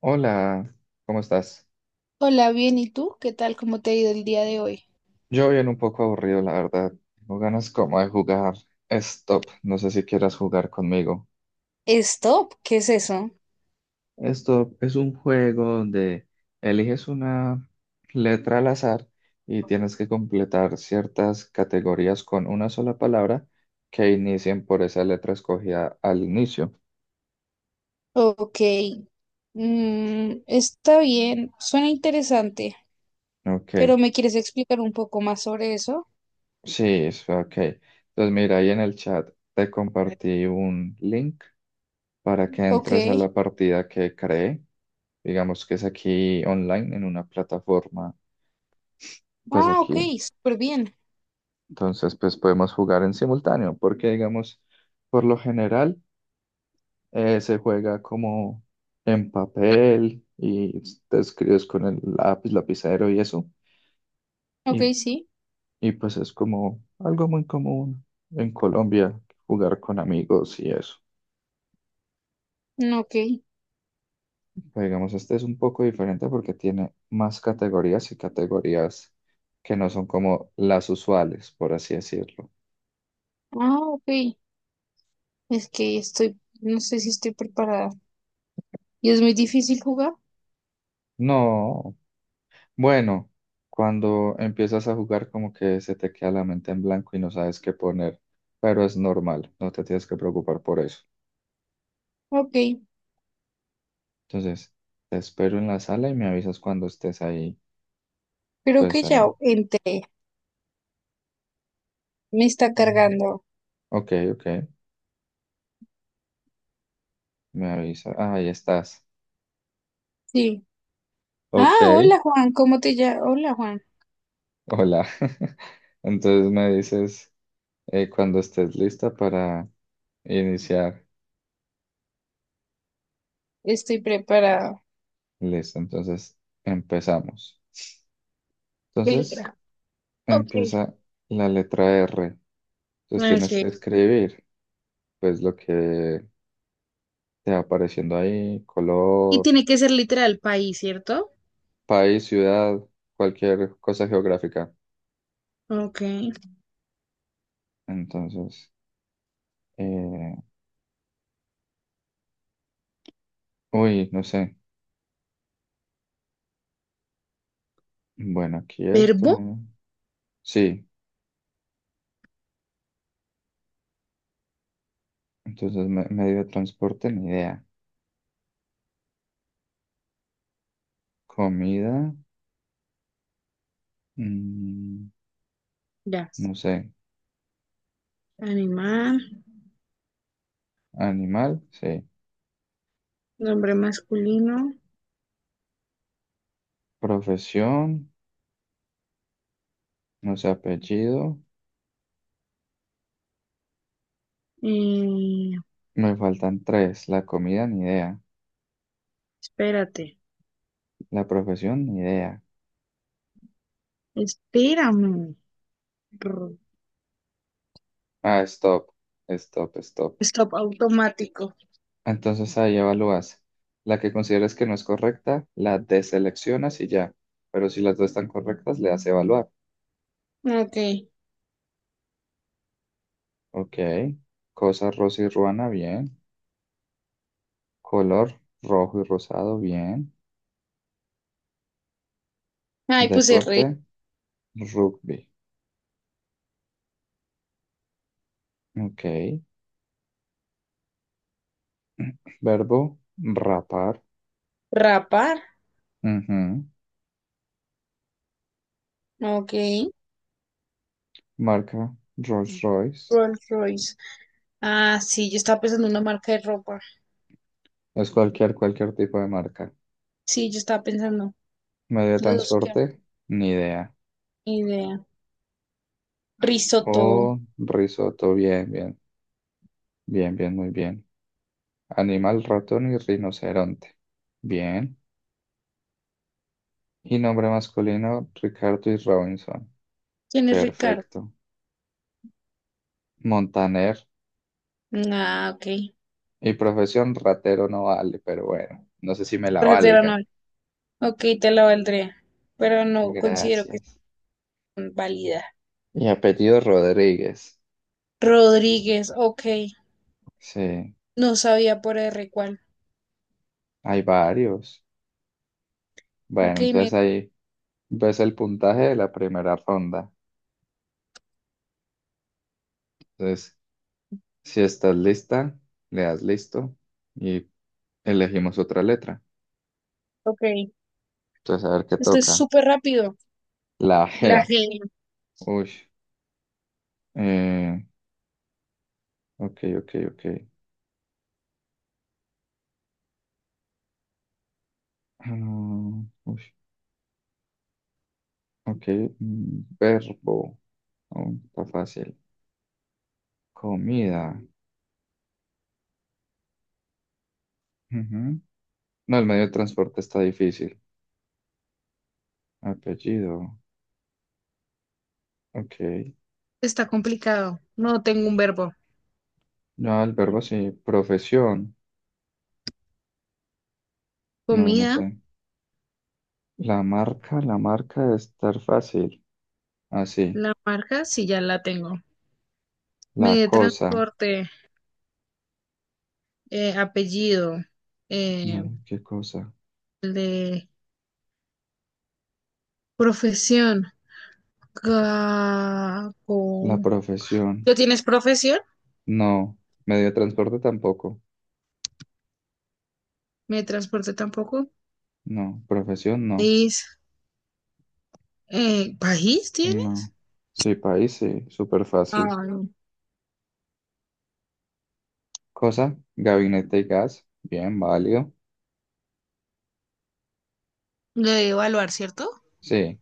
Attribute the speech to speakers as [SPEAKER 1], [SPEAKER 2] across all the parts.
[SPEAKER 1] Hola, ¿cómo estás?
[SPEAKER 2] Hola, bien, ¿y tú? ¿Qué tal? ¿Cómo te ha ido el día de hoy?
[SPEAKER 1] Yo bien un poco aburrido, la verdad. Tengo ganas como de jugar Stop. No sé si quieras jugar conmigo.
[SPEAKER 2] Stop, ¿qué es eso?
[SPEAKER 1] Stop es un juego donde eliges una letra al azar y tienes que completar ciertas categorías con una sola palabra que inicien por esa letra escogida al inicio.
[SPEAKER 2] Ok, está bien, suena interesante,
[SPEAKER 1] Ok,
[SPEAKER 2] pero ¿me quieres explicar un poco más sobre eso?
[SPEAKER 1] sí, ok. Entonces mira, ahí en el chat te compartí un link para que
[SPEAKER 2] Ok,
[SPEAKER 1] entres a la partida que creé. Digamos que es aquí online, en una plataforma, pues
[SPEAKER 2] ah, ok,
[SPEAKER 1] aquí.
[SPEAKER 2] súper bien,
[SPEAKER 1] Entonces, pues podemos jugar en simultáneo, porque digamos, por lo general, se juega como en papel y te escribes con el lápiz, lapicero y eso. Y,
[SPEAKER 2] ok, sí,
[SPEAKER 1] y pues es como algo muy común en Colombia, jugar con amigos y eso.
[SPEAKER 2] mm, ok,
[SPEAKER 1] Pero digamos, este es un poco diferente porque tiene más categorías y categorías que no son como las usuales, por así decirlo.
[SPEAKER 2] ah, ok, es que estoy, no sé si estoy preparada y es muy difícil jugar,
[SPEAKER 1] No, bueno, cuando empiezas a jugar como que se te queda la mente en blanco y no sabes qué poner, pero es normal, no te tienes que preocupar por eso.
[SPEAKER 2] ok,
[SPEAKER 1] Entonces, te espero en la sala y me avisas cuando estés ahí,
[SPEAKER 2] creo
[SPEAKER 1] pues
[SPEAKER 2] que ya
[SPEAKER 1] ahí.
[SPEAKER 2] entré, me está
[SPEAKER 1] Ujú.
[SPEAKER 2] cargando,
[SPEAKER 1] Ok, ok, me avisa. Ah, ahí estás.
[SPEAKER 2] sí, ah,
[SPEAKER 1] Ok,
[SPEAKER 2] hola Juan, ¿cómo te llamas? Hola Juan,
[SPEAKER 1] hola. Entonces me dices cuando estés lista para iniciar.
[SPEAKER 2] estoy preparada.
[SPEAKER 1] Listo, entonces empezamos. Entonces
[SPEAKER 2] Literal. Ok.
[SPEAKER 1] empieza la letra R. Entonces tienes
[SPEAKER 2] Ok.
[SPEAKER 1] que escribir, pues lo que te va apareciendo ahí,
[SPEAKER 2] Y
[SPEAKER 1] color,
[SPEAKER 2] tiene que ser literal país, ¿cierto?
[SPEAKER 1] país, ciudad, cualquier cosa geográfica.
[SPEAKER 2] Ok.
[SPEAKER 1] Entonces, eh, uy, no sé. Bueno, aquí esto,
[SPEAKER 2] Verbo,
[SPEAKER 1] ¿no? Sí, entonces medio de transporte, ni idea. Comida, mm,
[SPEAKER 2] ya.
[SPEAKER 1] no sé.
[SPEAKER 2] Animal,
[SPEAKER 1] Animal, sí.
[SPEAKER 2] nombre masculino.
[SPEAKER 1] Profesión, no sé, apellido.
[SPEAKER 2] eh,
[SPEAKER 1] Me faltan tres. La comida, ni idea.
[SPEAKER 2] espérate.
[SPEAKER 1] La profesión, ni idea.
[SPEAKER 2] Espérame. Rr,
[SPEAKER 1] Ah, stop. Stop, stop.
[SPEAKER 2] stop automático.
[SPEAKER 1] Entonces ahí evalúas. La que consideres que no es correcta, la deseleccionas y ya. Pero si las dos están correctas, le das evaluar.
[SPEAKER 2] Ok.
[SPEAKER 1] Ok. Cosa rosa y ruana, bien. Color rojo y rosado, bien.
[SPEAKER 2] Ay, puse
[SPEAKER 1] Deporte,
[SPEAKER 2] re-
[SPEAKER 1] rugby. Ok. Verbo, rapar.
[SPEAKER 2] rapar.
[SPEAKER 1] Ujú.
[SPEAKER 2] Ok.
[SPEAKER 1] Marca, Rolls Royce.
[SPEAKER 2] Rolls Royce. Ah, sí, yo estaba pensando en una marca de ropa.
[SPEAKER 1] Es cualquier tipo de marca.
[SPEAKER 2] Sí, yo estaba pensando.
[SPEAKER 1] Medio de
[SPEAKER 2] Los dos, qué
[SPEAKER 1] transporte, ni idea.
[SPEAKER 2] idea. Risotto.
[SPEAKER 1] Oh, risotto, bien, bien. Bien, bien, muy bien. Animal, ratón y rinoceronte. Bien. Y nombre masculino, Ricardo y Robinson.
[SPEAKER 2] ¿Quién es Ricardo?
[SPEAKER 1] Perfecto. Montaner.
[SPEAKER 2] Ah, ok.
[SPEAKER 1] Y profesión, ratero no vale, pero bueno, no sé si me la
[SPEAKER 2] Rajas de la
[SPEAKER 1] valgan.
[SPEAKER 2] novia. Ok, te la valdría, pero no considero que
[SPEAKER 1] Gracias.
[SPEAKER 2] sea válida.
[SPEAKER 1] Y apellido Rodríguez.
[SPEAKER 2] Rodríguez, ok.
[SPEAKER 1] Sí,
[SPEAKER 2] No sabía por R cuál.
[SPEAKER 1] hay varios. Bueno,
[SPEAKER 2] Ok,
[SPEAKER 1] entonces ahí ves el puntaje de la primera ronda. Entonces, si estás lista, le das listo y elegimos otra letra.
[SPEAKER 2] ok.
[SPEAKER 1] Entonces, a ver qué
[SPEAKER 2] Esto es
[SPEAKER 1] toca.
[SPEAKER 2] súper rápido.
[SPEAKER 1] La
[SPEAKER 2] La
[SPEAKER 1] G.
[SPEAKER 2] G
[SPEAKER 1] Uy. Eh, ok, ok, ok. Uy, ok, verbo. Oh, está fácil. Comida. Ujú. No, el medio de transporte está difícil. Apellido. Ok.
[SPEAKER 2] está complicado. No tengo un verbo.
[SPEAKER 1] No, el verbo sí. Profesión. No, no
[SPEAKER 2] Comida,
[SPEAKER 1] sé. La marca debe estar fácil. Así.
[SPEAKER 2] la marca, sí, ya la tengo.
[SPEAKER 1] La
[SPEAKER 2] Medio de
[SPEAKER 1] cosa.
[SPEAKER 2] transporte, apellido, eh,
[SPEAKER 1] No, ¿qué cosa?
[SPEAKER 2] el de profesión. Ga-
[SPEAKER 1] La
[SPEAKER 2] con-
[SPEAKER 1] profesión.
[SPEAKER 2] ¿Tú tienes profesión?
[SPEAKER 1] No. Medio de transporte tampoco.
[SPEAKER 2] Medio de transporte tampoco.
[SPEAKER 1] No. Profesión no.
[SPEAKER 2] País, ¿país tienes?
[SPEAKER 1] No. Sí, país, sí, súper
[SPEAKER 2] Ah,
[SPEAKER 1] fácil.
[SPEAKER 2] no.
[SPEAKER 1] Cosa, gabinete y gas, bien, válido.
[SPEAKER 2] Lo de evaluar, ¿cierto?
[SPEAKER 1] Sí.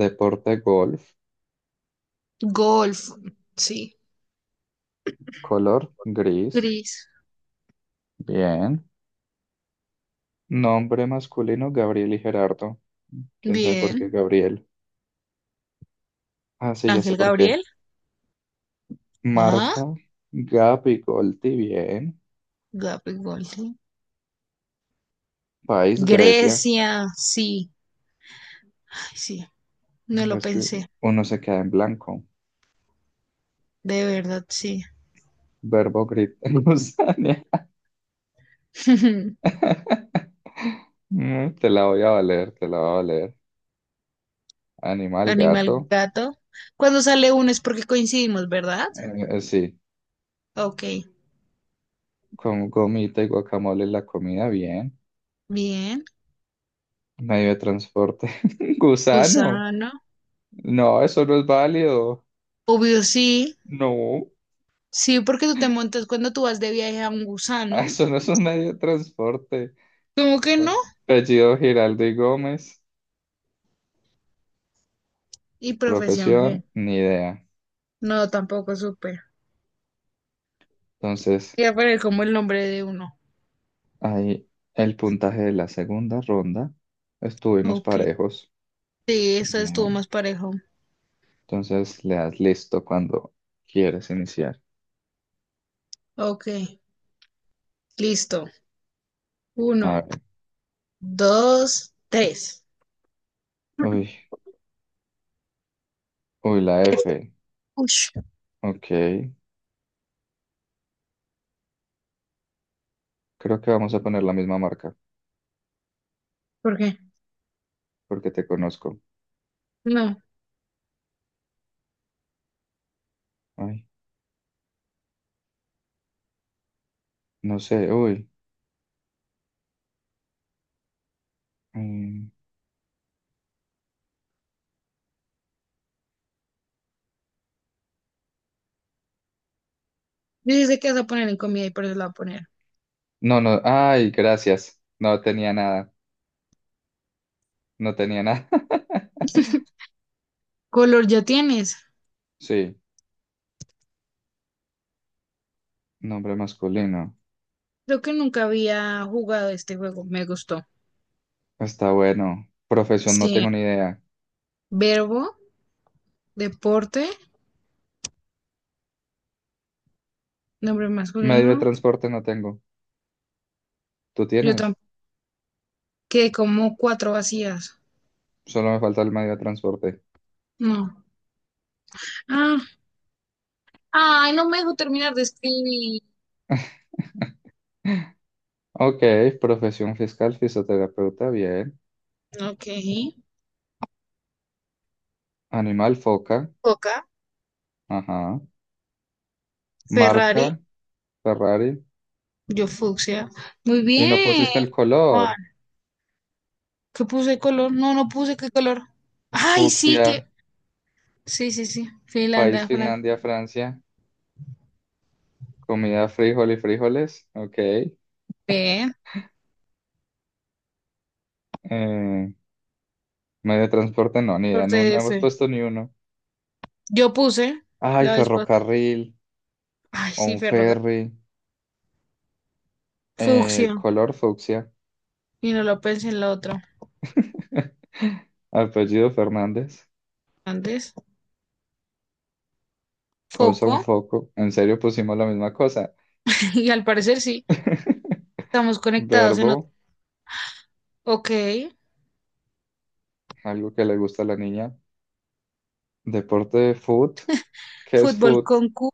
[SPEAKER 1] Deporte, golf.
[SPEAKER 2] Golf, sí.
[SPEAKER 1] Color, gris,
[SPEAKER 2] Gris,
[SPEAKER 1] bien. Nombre masculino, Gabriel y Gerardo. ¿Quién sabe por qué
[SPEAKER 2] bien.
[SPEAKER 1] Gabriel? Ah, sí, ya sé
[SPEAKER 2] Ángel
[SPEAKER 1] por qué.
[SPEAKER 2] Gabriel, ah,
[SPEAKER 1] Marca, Gap y Golti, bien.
[SPEAKER 2] Gabriel Golding.
[SPEAKER 1] País, Grecia.
[SPEAKER 2] Grecia, sí. Ay, sí, no lo
[SPEAKER 1] Ves que
[SPEAKER 2] pensé.
[SPEAKER 1] uno se queda en blanco.
[SPEAKER 2] De verdad, sí.
[SPEAKER 1] Verbo, gritar, gusaña. Mm, te la voy a valer, te la voy a valer. Animal,
[SPEAKER 2] Animal
[SPEAKER 1] gato.
[SPEAKER 2] gato. Cuando sale uno es porque coincidimos, ¿verdad?
[SPEAKER 1] Sí,
[SPEAKER 2] Ok,
[SPEAKER 1] con gomita y guacamole en la comida, bien.
[SPEAKER 2] bien.
[SPEAKER 1] Medio de transporte. Gusano.
[SPEAKER 2] Gusano,
[SPEAKER 1] No, eso no es válido.
[SPEAKER 2] obvio sí.
[SPEAKER 1] No,
[SPEAKER 2] Sí, porque tú te montas cuando tú vas de viaje a un gusano.
[SPEAKER 1] eso no es un medio de transporte.
[SPEAKER 2] ¿Cómo que no?
[SPEAKER 1] Apellido Giraldo y Gómez.
[SPEAKER 2] Y profesión G.
[SPEAKER 1] Profesión, ni idea.
[SPEAKER 2] No, tampoco supe.
[SPEAKER 1] Entonces,
[SPEAKER 2] Ya poner como el nombre de uno.
[SPEAKER 1] ahí el puntaje de la segunda ronda. Estuvimos
[SPEAKER 2] Ok.
[SPEAKER 1] parejos.
[SPEAKER 2] Sí, esa estuvo
[SPEAKER 1] Bien.
[SPEAKER 2] más parejo.
[SPEAKER 1] Entonces, le das listo cuando quieres iniciar.
[SPEAKER 2] Ok, listo.
[SPEAKER 1] A
[SPEAKER 2] Uno,
[SPEAKER 1] ver.
[SPEAKER 2] dos, tres.
[SPEAKER 1] Uy, uy, la F.
[SPEAKER 2] Ush,
[SPEAKER 1] Ok, creo que vamos a poner la misma marca,
[SPEAKER 2] ¿por qué?
[SPEAKER 1] porque te conozco.
[SPEAKER 2] No.
[SPEAKER 1] Ay, no sé, uy. mm,
[SPEAKER 2] Dice que vas a poner en comida y por eso la voy a poner.
[SPEAKER 1] No, no, ay, gracias. No tenía nada.
[SPEAKER 2] Color ya tienes.
[SPEAKER 1] Sí, nombre masculino.
[SPEAKER 2] Creo que nunca había jugado este juego. Me gustó.
[SPEAKER 1] Está bueno. Profesión no
[SPEAKER 2] Sí.
[SPEAKER 1] tengo ni idea.
[SPEAKER 2] Verbo, deporte, nombre
[SPEAKER 1] Medio de
[SPEAKER 2] masculino.
[SPEAKER 1] transporte no tengo. ¿Tú
[SPEAKER 2] Yo
[SPEAKER 1] tienes?
[SPEAKER 2] tampoco. Quedé como cuatro vacías.
[SPEAKER 1] Solo me falta el medio de transporte.
[SPEAKER 2] No. Ah, ay, no me dejo terminar de escribir.
[SPEAKER 1] Ok, profesión fiscal, fisioterapeuta, bien.
[SPEAKER 2] Ok.
[SPEAKER 1] Animal, foca.
[SPEAKER 2] Coca,
[SPEAKER 1] Ajá. Marca,
[SPEAKER 2] Ferrari,
[SPEAKER 1] Ferrari.
[SPEAKER 2] yo fucsia. Muy
[SPEAKER 1] Y no
[SPEAKER 2] bien,
[SPEAKER 1] pusiste el
[SPEAKER 2] Juan.
[SPEAKER 1] color.
[SPEAKER 2] ¿Qué puse color? No, no puse qué color. Ay, sí
[SPEAKER 1] Fucsia.
[SPEAKER 2] que. Sí, sí, sí.
[SPEAKER 1] País,
[SPEAKER 2] Finlandia, Francia.
[SPEAKER 1] Finlandia, Francia. Comida, frijol y frijoles. Ok.
[SPEAKER 2] Bien.
[SPEAKER 1] Medio de transporte, no, ni idea.
[SPEAKER 2] Corte
[SPEAKER 1] No, no
[SPEAKER 2] de
[SPEAKER 1] hemos
[SPEAKER 2] F.
[SPEAKER 1] puesto ni uno.
[SPEAKER 2] Yo puse
[SPEAKER 1] Ay,
[SPEAKER 2] la vez pas-
[SPEAKER 1] ferrocarril
[SPEAKER 2] ay,
[SPEAKER 1] o
[SPEAKER 2] sí,
[SPEAKER 1] un
[SPEAKER 2] ferroga.
[SPEAKER 1] ferry.
[SPEAKER 2] Fucsia.
[SPEAKER 1] Color fucsia.
[SPEAKER 2] Y no lo pensé en la otra.
[SPEAKER 1] Apellido Fernández.
[SPEAKER 2] Antes.
[SPEAKER 1] Cosa,
[SPEAKER 2] Foco.
[SPEAKER 1] un foco. ¿En serio pusimos la misma cosa?
[SPEAKER 2] Y al parecer sí. Estamos conectados en otro.
[SPEAKER 1] Verbo,
[SPEAKER 2] Ok.
[SPEAKER 1] algo que le gusta a la niña. Deporte, foot. ¿Qué es
[SPEAKER 2] Fútbol
[SPEAKER 1] foot?
[SPEAKER 2] con Q.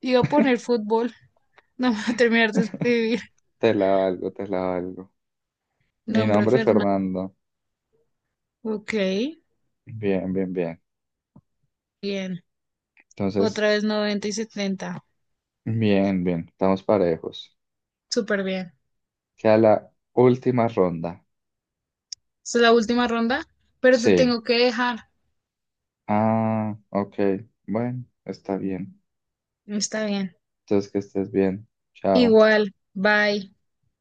[SPEAKER 2] Iba a poner fútbol. No me voy a terminar de escribir.
[SPEAKER 1] Te la valgo, te la valgo. Y
[SPEAKER 2] Nombre
[SPEAKER 1] nombre,
[SPEAKER 2] Fernando.
[SPEAKER 1] Fernando.
[SPEAKER 2] Ok.
[SPEAKER 1] Bien, bien, bien.
[SPEAKER 2] Bien.
[SPEAKER 1] Entonces,
[SPEAKER 2] Otra vez 90-70.
[SPEAKER 1] bien, bien, estamos parejos.
[SPEAKER 2] Súper bien.
[SPEAKER 1] Queda la última ronda.
[SPEAKER 2] Esta es la última ronda, pero te
[SPEAKER 1] Sí.
[SPEAKER 2] tengo que dejar.
[SPEAKER 1] Ah, ok. Bueno, está bien.
[SPEAKER 2] Está bien.
[SPEAKER 1] Entonces que estés bien. Chao.
[SPEAKER 2] Igual. Bye.